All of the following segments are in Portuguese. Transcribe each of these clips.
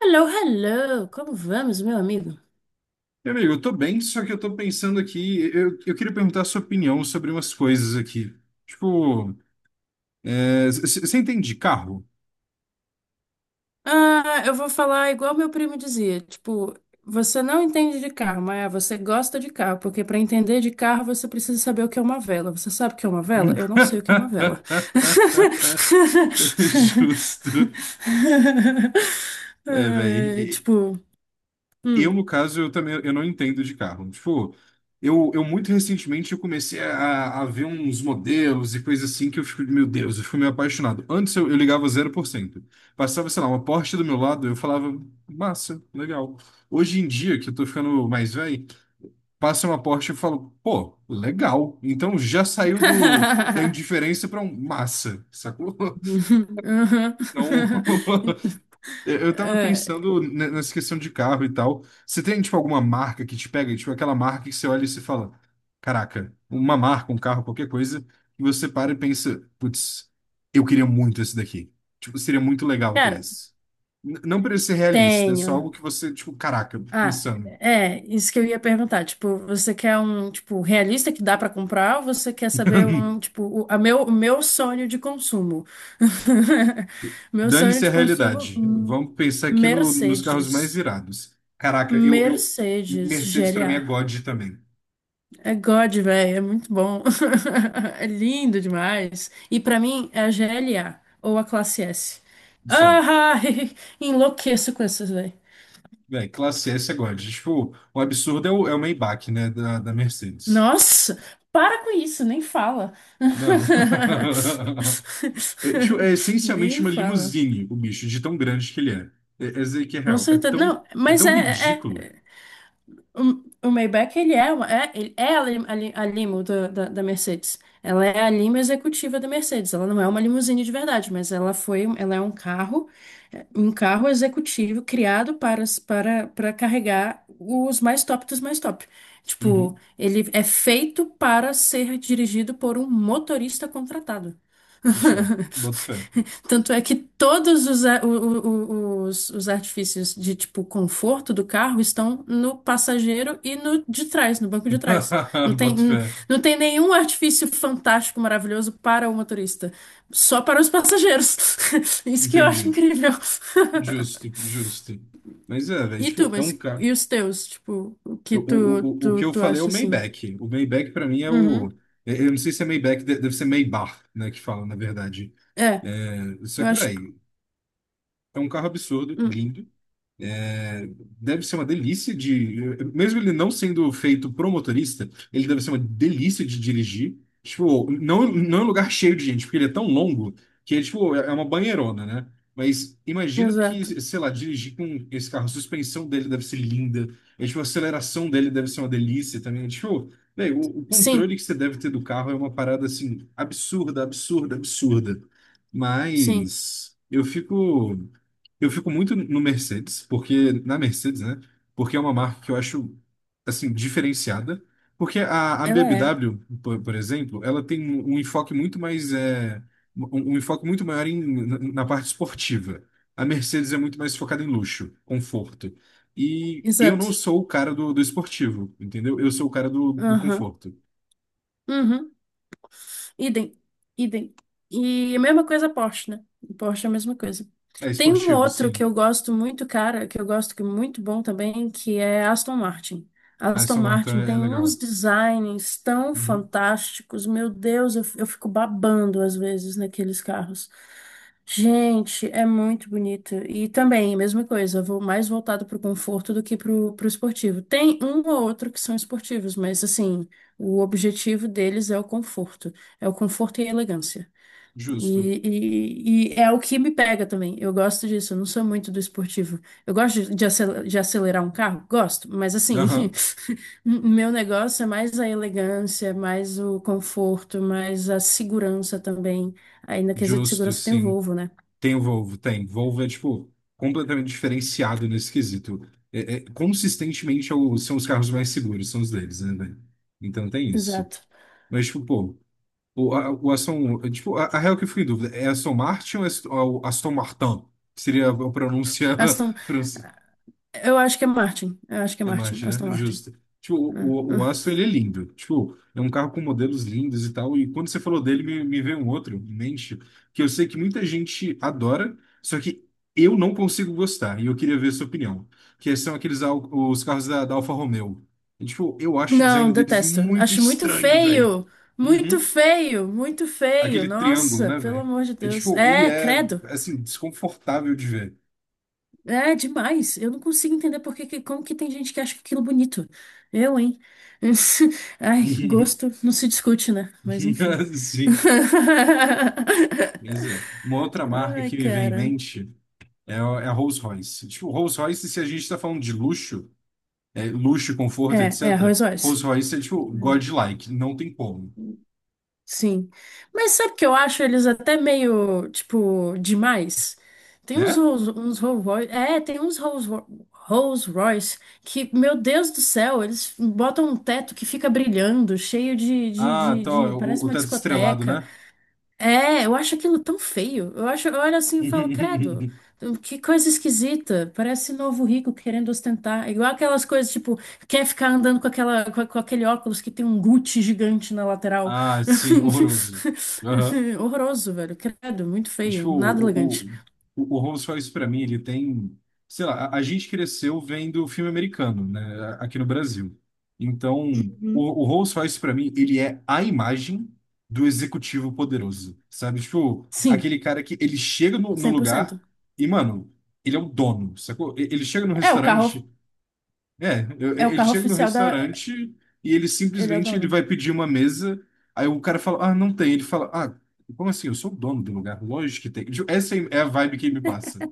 Hello, hello! Como vamos, meu amigo? Meu amigo, eu tô bem, só que eu tô pensando aqui, eu queria perguntar a sua opinião sobre umas coisas aqui. Tipo, é, você entende de carro? Ah, eu vou falar igual meu primo dizia, tipo, você não entende de carro, mas você gosta de carro, porque para entender de carro você precisa saber o que é uma vela. Você sabe o que é uma vela? Eu não sei o que é uma vela. Justo. É, É, velho. tipo, Eu, hum. no caso, eu também eu não entendo de carro. Tipo, eu muito recentemente eu comecei a ver uns modelos e coisas assim que eu fico, meu Deus, eu fico meio apaixonado. Antes eu ligava 0%. Passava, sei lá, uma Porsche do meu lado, eu falava, massa, legal. Hoje em dia, que eu tô ficando mais velho, passa uma Porsche e eu falo, pô, legal. Então já saiu da indiferença pra um massa, sacou? Uhum. Então, Eu tava É, pensando nessa questão de carro e tal. Você tem, tipo, alguma marca que te pega? Tipo, aquela marca que você olha e se fala, caraca, uma marca, um carro, qualquer coisa, e você para e pensa, putz, eu queria muito esse daqui. Tipo, seria muito legal ter cara, esse. Não precisa ser realista, é só tenho. algo que você, tipo, caraca, Ah, insano. é, isso que eu ia perguntar. Tipo, você quer um, tipo, realista que dá pra comprar ou você quer saber um, tipo, o meu sonho de consumo? Meu sonho Dane-se a de consumo, realidade. Vamos pensar aqui nos carros mais Mercedes. irados. Caraca, eu... Mercedes Mercedes pra mim é GLA. God também. É God, velho, é muito bom. É lindo demais. E pra mim é a GLA ou a classe S. Só. Ah, enlouqueço com essas. Véi, classe S é God. Tipo, o absurdo é é o Maybach, né? Da Mercedes. Nossa, para com isso, nem fala. Mano. É, tipo, é essencialmente Nem uma fala. limusine, o bicho, de tão grande que ele é. É, é dizer que é Com real. Certeza. Não, É mas tão é, ridículo. é. O Maybach, ele é a, a limo da Mercedes. Ela é a lima executiva da Mercedes. Ela não é uma limusine de verdade, mas ela é um carro, um carro executivo criado para carregar os mais top dos mais top. Tipo, Uhum. ele é feito para ser dirigido por um motorista contratado. Isso, ó. Boto fé. Tanto é que todos os, a- o- os artifícios de tipo conforto do carro estão no passageiro e no de trás, no banco de trás. Não tem, Boto n- fé. não tem nenhum artifício fantástico, maravilhoso para o motorista. Só para os passageiros. Isso que eu acho Entendi. incrível. Justo, justo. Mas é, velho, E tu, tipo, é mas um carro. e os teus? Tipo, o que tu, O que tu, eu tu falei é o acha assim? Maybach. O Maybach, pra mim, é Uhum. o. Eu não sei se é Maybach, deve ser Maybach, né? Que fala, na verdade. É, É, isso eu aqui, acho. velho, é um carro absurdo, Hum, lindo. É, deve ser uma delícia de. Mesmo ele não sendo feito pro motorista, ele deve ser uma delícia de dirigir. Tipo, não em lugar cheio de gente, porque ele é tão longo que é, tipo, é uma banheirona, né? Mas imagina que, exato. sei lá, dirigir com esse carro, a suspensão dele deve ser linda, e, tipo, a aceleração dele deve ser uma delícia também. Tipo, véi, o Sim, controle que você deve ter do carro é uma parada assim, absurda, absurda, absurda. sim. Mas eu fico. Eu fico muito no Mercedes, porque na Mercedes, né? Porque é uma marca que eu acho assim diferenciada, porque a Ela é. BMW, por exemplo, ela tem um enfoque muito mais um enfoque muito maior em, na parte esportiva. A Mercedes é muito mais focada em luxo, conforto. E eu não Exato. sou o cara do esportivo, entendeu? Eu sou o cara do Aham. conforto. Uhum. Idem, idem. E a mesma coisa Porsche, né? Porsche é a mesma coisa. É Tem um esportivo, outro que sim. eu gosto muito, cara, que eu gosto que é muito bom também, que é Aston Martin. Ah, Aston essa marca Martin é tem uns legal. designs tão Uhum. fantásticos, meu Deus, eu fico babando às vezes naqueles carros. Gente, é muito bonito. E também, a mesma coisa, vou mais voltado pro conforto do que pro esportivo. Tem um ou outro que são esportivos, mas assim, o objetivo deles é o conforto. É o conforto e a elegância. Justo. E é o que me pega também. Eu gosto disso. Eu não sou muito do esportivo. Eu gosto de acelerar um carro? Gosto, mas assim, Aham. meu negócio é mais a elegância, mais o conforto, mais a segurança também. Aí na quesito de Justo, segurança tem o sim. Volvo, né? Tem o Volvo, tem. Volvo é, tipo, completamente diferenciado nesse quesito. É, consistentemente são os carros mais seguros, são os deles, né, velho? Então tem isso. Exato. Mas, tipo, pô, o Aston. Tipo, a real, que eu fico em dúvida, é Aston Martin ou é Aston, ou Aston Martin? Seria a pronúncia Aston, fran- eu acho que é Martin. Eu acho que é é. Martin. Imagina, Aston Martin. justo. Tipo, Né? O Aston, ele é lindo. Tipo, é um carro com modelos lindos e tal. E quando você falou dele, me veio um outro em mente, que eu sei que muita gente adora, só que eu não consigo gostar. E eu queria ver a sua opinião. Que são os carros da, da Alfa Romeo. E, tipo, eu acho o Não, design deles detesto. muito Acho muito estranho, velho. feio. Muito Uhum. feio, muito feio. Aquele triângulo, Nossa, né, pelo velho? amor de É, Deus. tipo, ele É, é, credo. assim, desconfortável de ver. É demais. Eu não consigo entender como que tem gente que acha aquilo bonito. Eu, hein? Ai, gosto não se discute, né? Mas enfim. Sim. Pois é. Uma outra marca Ai, que me vem em cara. mente é a Rolls-Royce. Tipo, Rolls-Royce, se a gente está falando de luxo, é, luxo, conforto, É, é etc., arroz Oz. Rolls-Royce é tipo godlike, não tem como, Sim. Mas sabe o que eu acho eles até meio, tipo, demais? Tem uns né? Rolls uns Rolls Royce, é, tem uns Rolls, Ro- Rolls Royce que, meu Deus do céu, eles botam um teto que fica brilhando, cheio de, de, Ah, de, tá, de- ó, parece o uma teto estrelado, discoteca. né? É, eu acho aquilo tão feio. Eu olho assim e falo, credo, que coisa esquisita. Parece novo rico querendo ostentar. É igual aquelas coisas, tipo, quer ficar andando com aquela, com aquele óculos que tem um Gucci gigante na lateral. Ah, sim, horroroso. Horroroso, velho. Credo, muito feio. Tipo, Nada elegante. O Holmes faz isso pra mim, ele tem, sei lá, a gente cresceu vendo filme americano, né, aqui no Brasil. Então, Uhum. o Holmes faz isso pra mim, ele é a imagem do executivo poderoso, sabe? Tipo, Sim, aquele cara que ele chega no cem por lugar cento. e, mano, ele é o dono, sacou? Ele chega no É o carro, restaurante, é, é o ele carro chega no oficial da. restaurante e ele Ele é o simplesmente ele dono. vai pedir uma mesa, aí o cara fala, ah, não tem. Ele fala, ah, como assim? Eu sou o dono do lugar, lógico que tem. Essa é a vibe que me passa.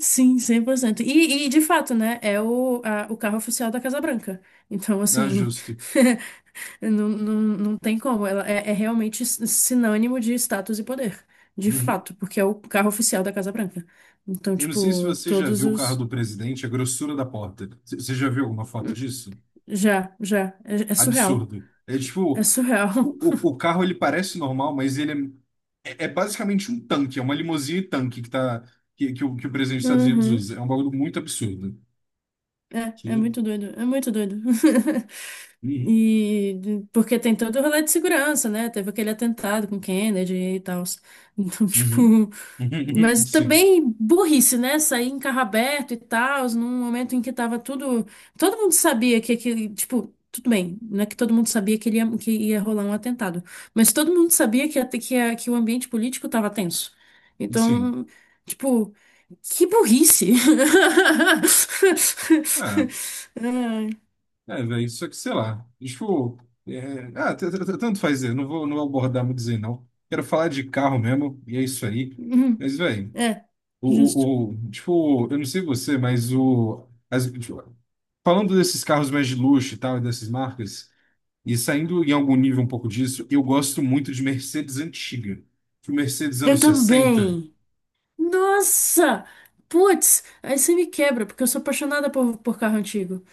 Sim, 100%. E de fato, né? É o carro oficial da Casa Branca. Então, Ah, assim. justo. Não, não, não tem como. Ela é realmente sinônimo de status e poder. De Uhum. fato, porque é o carro oficial da Casa Branca. Então, Eu não sei se tipo, você já todos viu o carro os. do presidente, a grossura da porta. Você já viu alguma foto Hum, disso? Já, já. É surreal. Absurdo. É tipo, É surreal. o, o carro, ele parece normal, mas ele é, é, é basicamente um tanque, é uma limusine tanque que, tá, que o presidente dos Estados Unidos Uhum. usa. É um bagulho muito absurdo. É, é Que... muito doido. É muito doido. Uhum. E porque tem todo o rolê de segurança, né? Teve aquele atentado com Kennedy e tal. Então, Uhum. tipo, mas Sim, também burrice, né? Sair em carro aberto e tal, num momento em que tava tudo, todo mundo sabia que aquele, tipo, tudo bem, não é que todo mundo sabia que ia rolar um atentado, mas todo mundo sabia que, até que, a- que o ambiente político tava tenso. sim. Então, tipo, que burrice. Ah, Ai. é, velho, só que sei lá. Tipo, é, ah, tanto faz, eu não vou, não vou abordar muito dizer não. Quero falar de carro mesmo, e é isso aí. Uhum. Mas, velho, É, o, justo. Tipo, eu não sei você, mas o. As, tipo, falando desses carros mais de luxo e tal, e dessas marcas, e saindo em algum nível um pouco disso, eu gosto muito de Mercedes antiga. Tipo, Mercedes Eu anos 60. também. Nossa! Putz, aí você me quebra, porque eu sou apaixonada por carro antigo.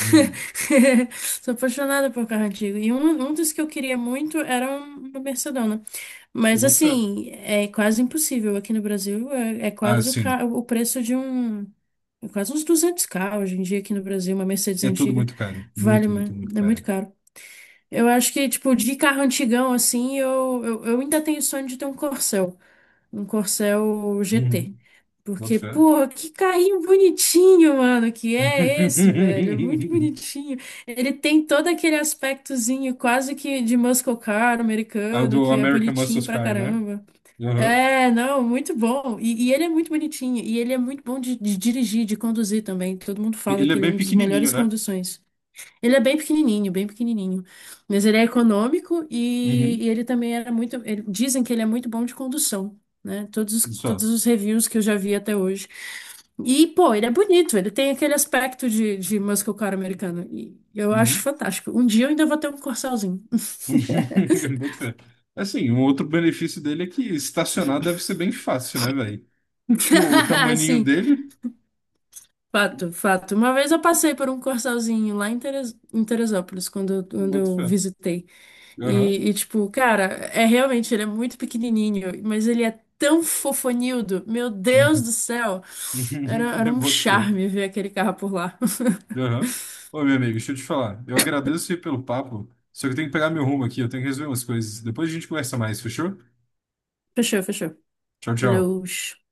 Hum, Sou apaixonada por carro antigo. E um dos que eu queria muito era uma Mercedona. eu Mas boto fé. assim, é quase impossível aqui no Brasil. É Ah, quase o, sim. ca- o preço de um. É quase uns 200K hoje em dia aqui no Brasil. Uma Mercedes É tudo antiga muito caro. vale, Muito, uma- muito, muito é caro. muito caro. Eu acho que, tipo, de carro antigão, assim, eu ainda tenho sonho de ter um Corcel. Um Corsel GT. Uhum. Boto Porque, fé. pô, que carrinho bonitinho, mano, que é esse, velho? É muito bonitinho. Ele tem todo aquele aspectozinho quase que de muscle car Ah, o americano, do que é American bonitinho Muscle pra Car, né? caramba. Aham. É, não, muito bom. E ele é muito bonitinho. E ele é muito bom de dirigir, de conduzir também. Todo mundo fala Ele que é ele é bem um dos pequenininho, melhores né? conduções. Ele é bem pequenininho, bem pequenininho. Mas ele é econômico e, Uhum. e ele também era muito. Dizem que ele é muito bom de condução, né? Todos, os- todos Só. os reviews que eu já vi até hoje. E, pô, ele é bonito, ele tem aquele aspecto de muscle car americano. E eu acho Uhum. fantástico. Um dia eu ainda vou ter um Corsalzinho. Boto fé. Assim, um outro benefício dele é que estacionar deve ser bem fácil, né, velho? Tipo, o tamaninho Sim, dele, fato, fato. Uma vez eu passei por um Corsalzinho lá em em Teresópolis, quando, eu- eu quando boto eu fé. visitei. Aham. E, tipo, cara, ele é muito pequenininho, mas ele é tão fofonildo. Meu Deus Uhum. do céu! Era, era Eu um boto fé. charme ver aquele carro por lá. Aham. Ô, meu amigo, deixa eu te falar. Eu agradeço aí pelo papo, só que eu tenho que pegar meu rumo aqui, eu tenho que resolver umas coisas. Depois a gente conversa mais, fechou? Fechou, fechou. Tchau, Falou. tchau. Tchau, tchau.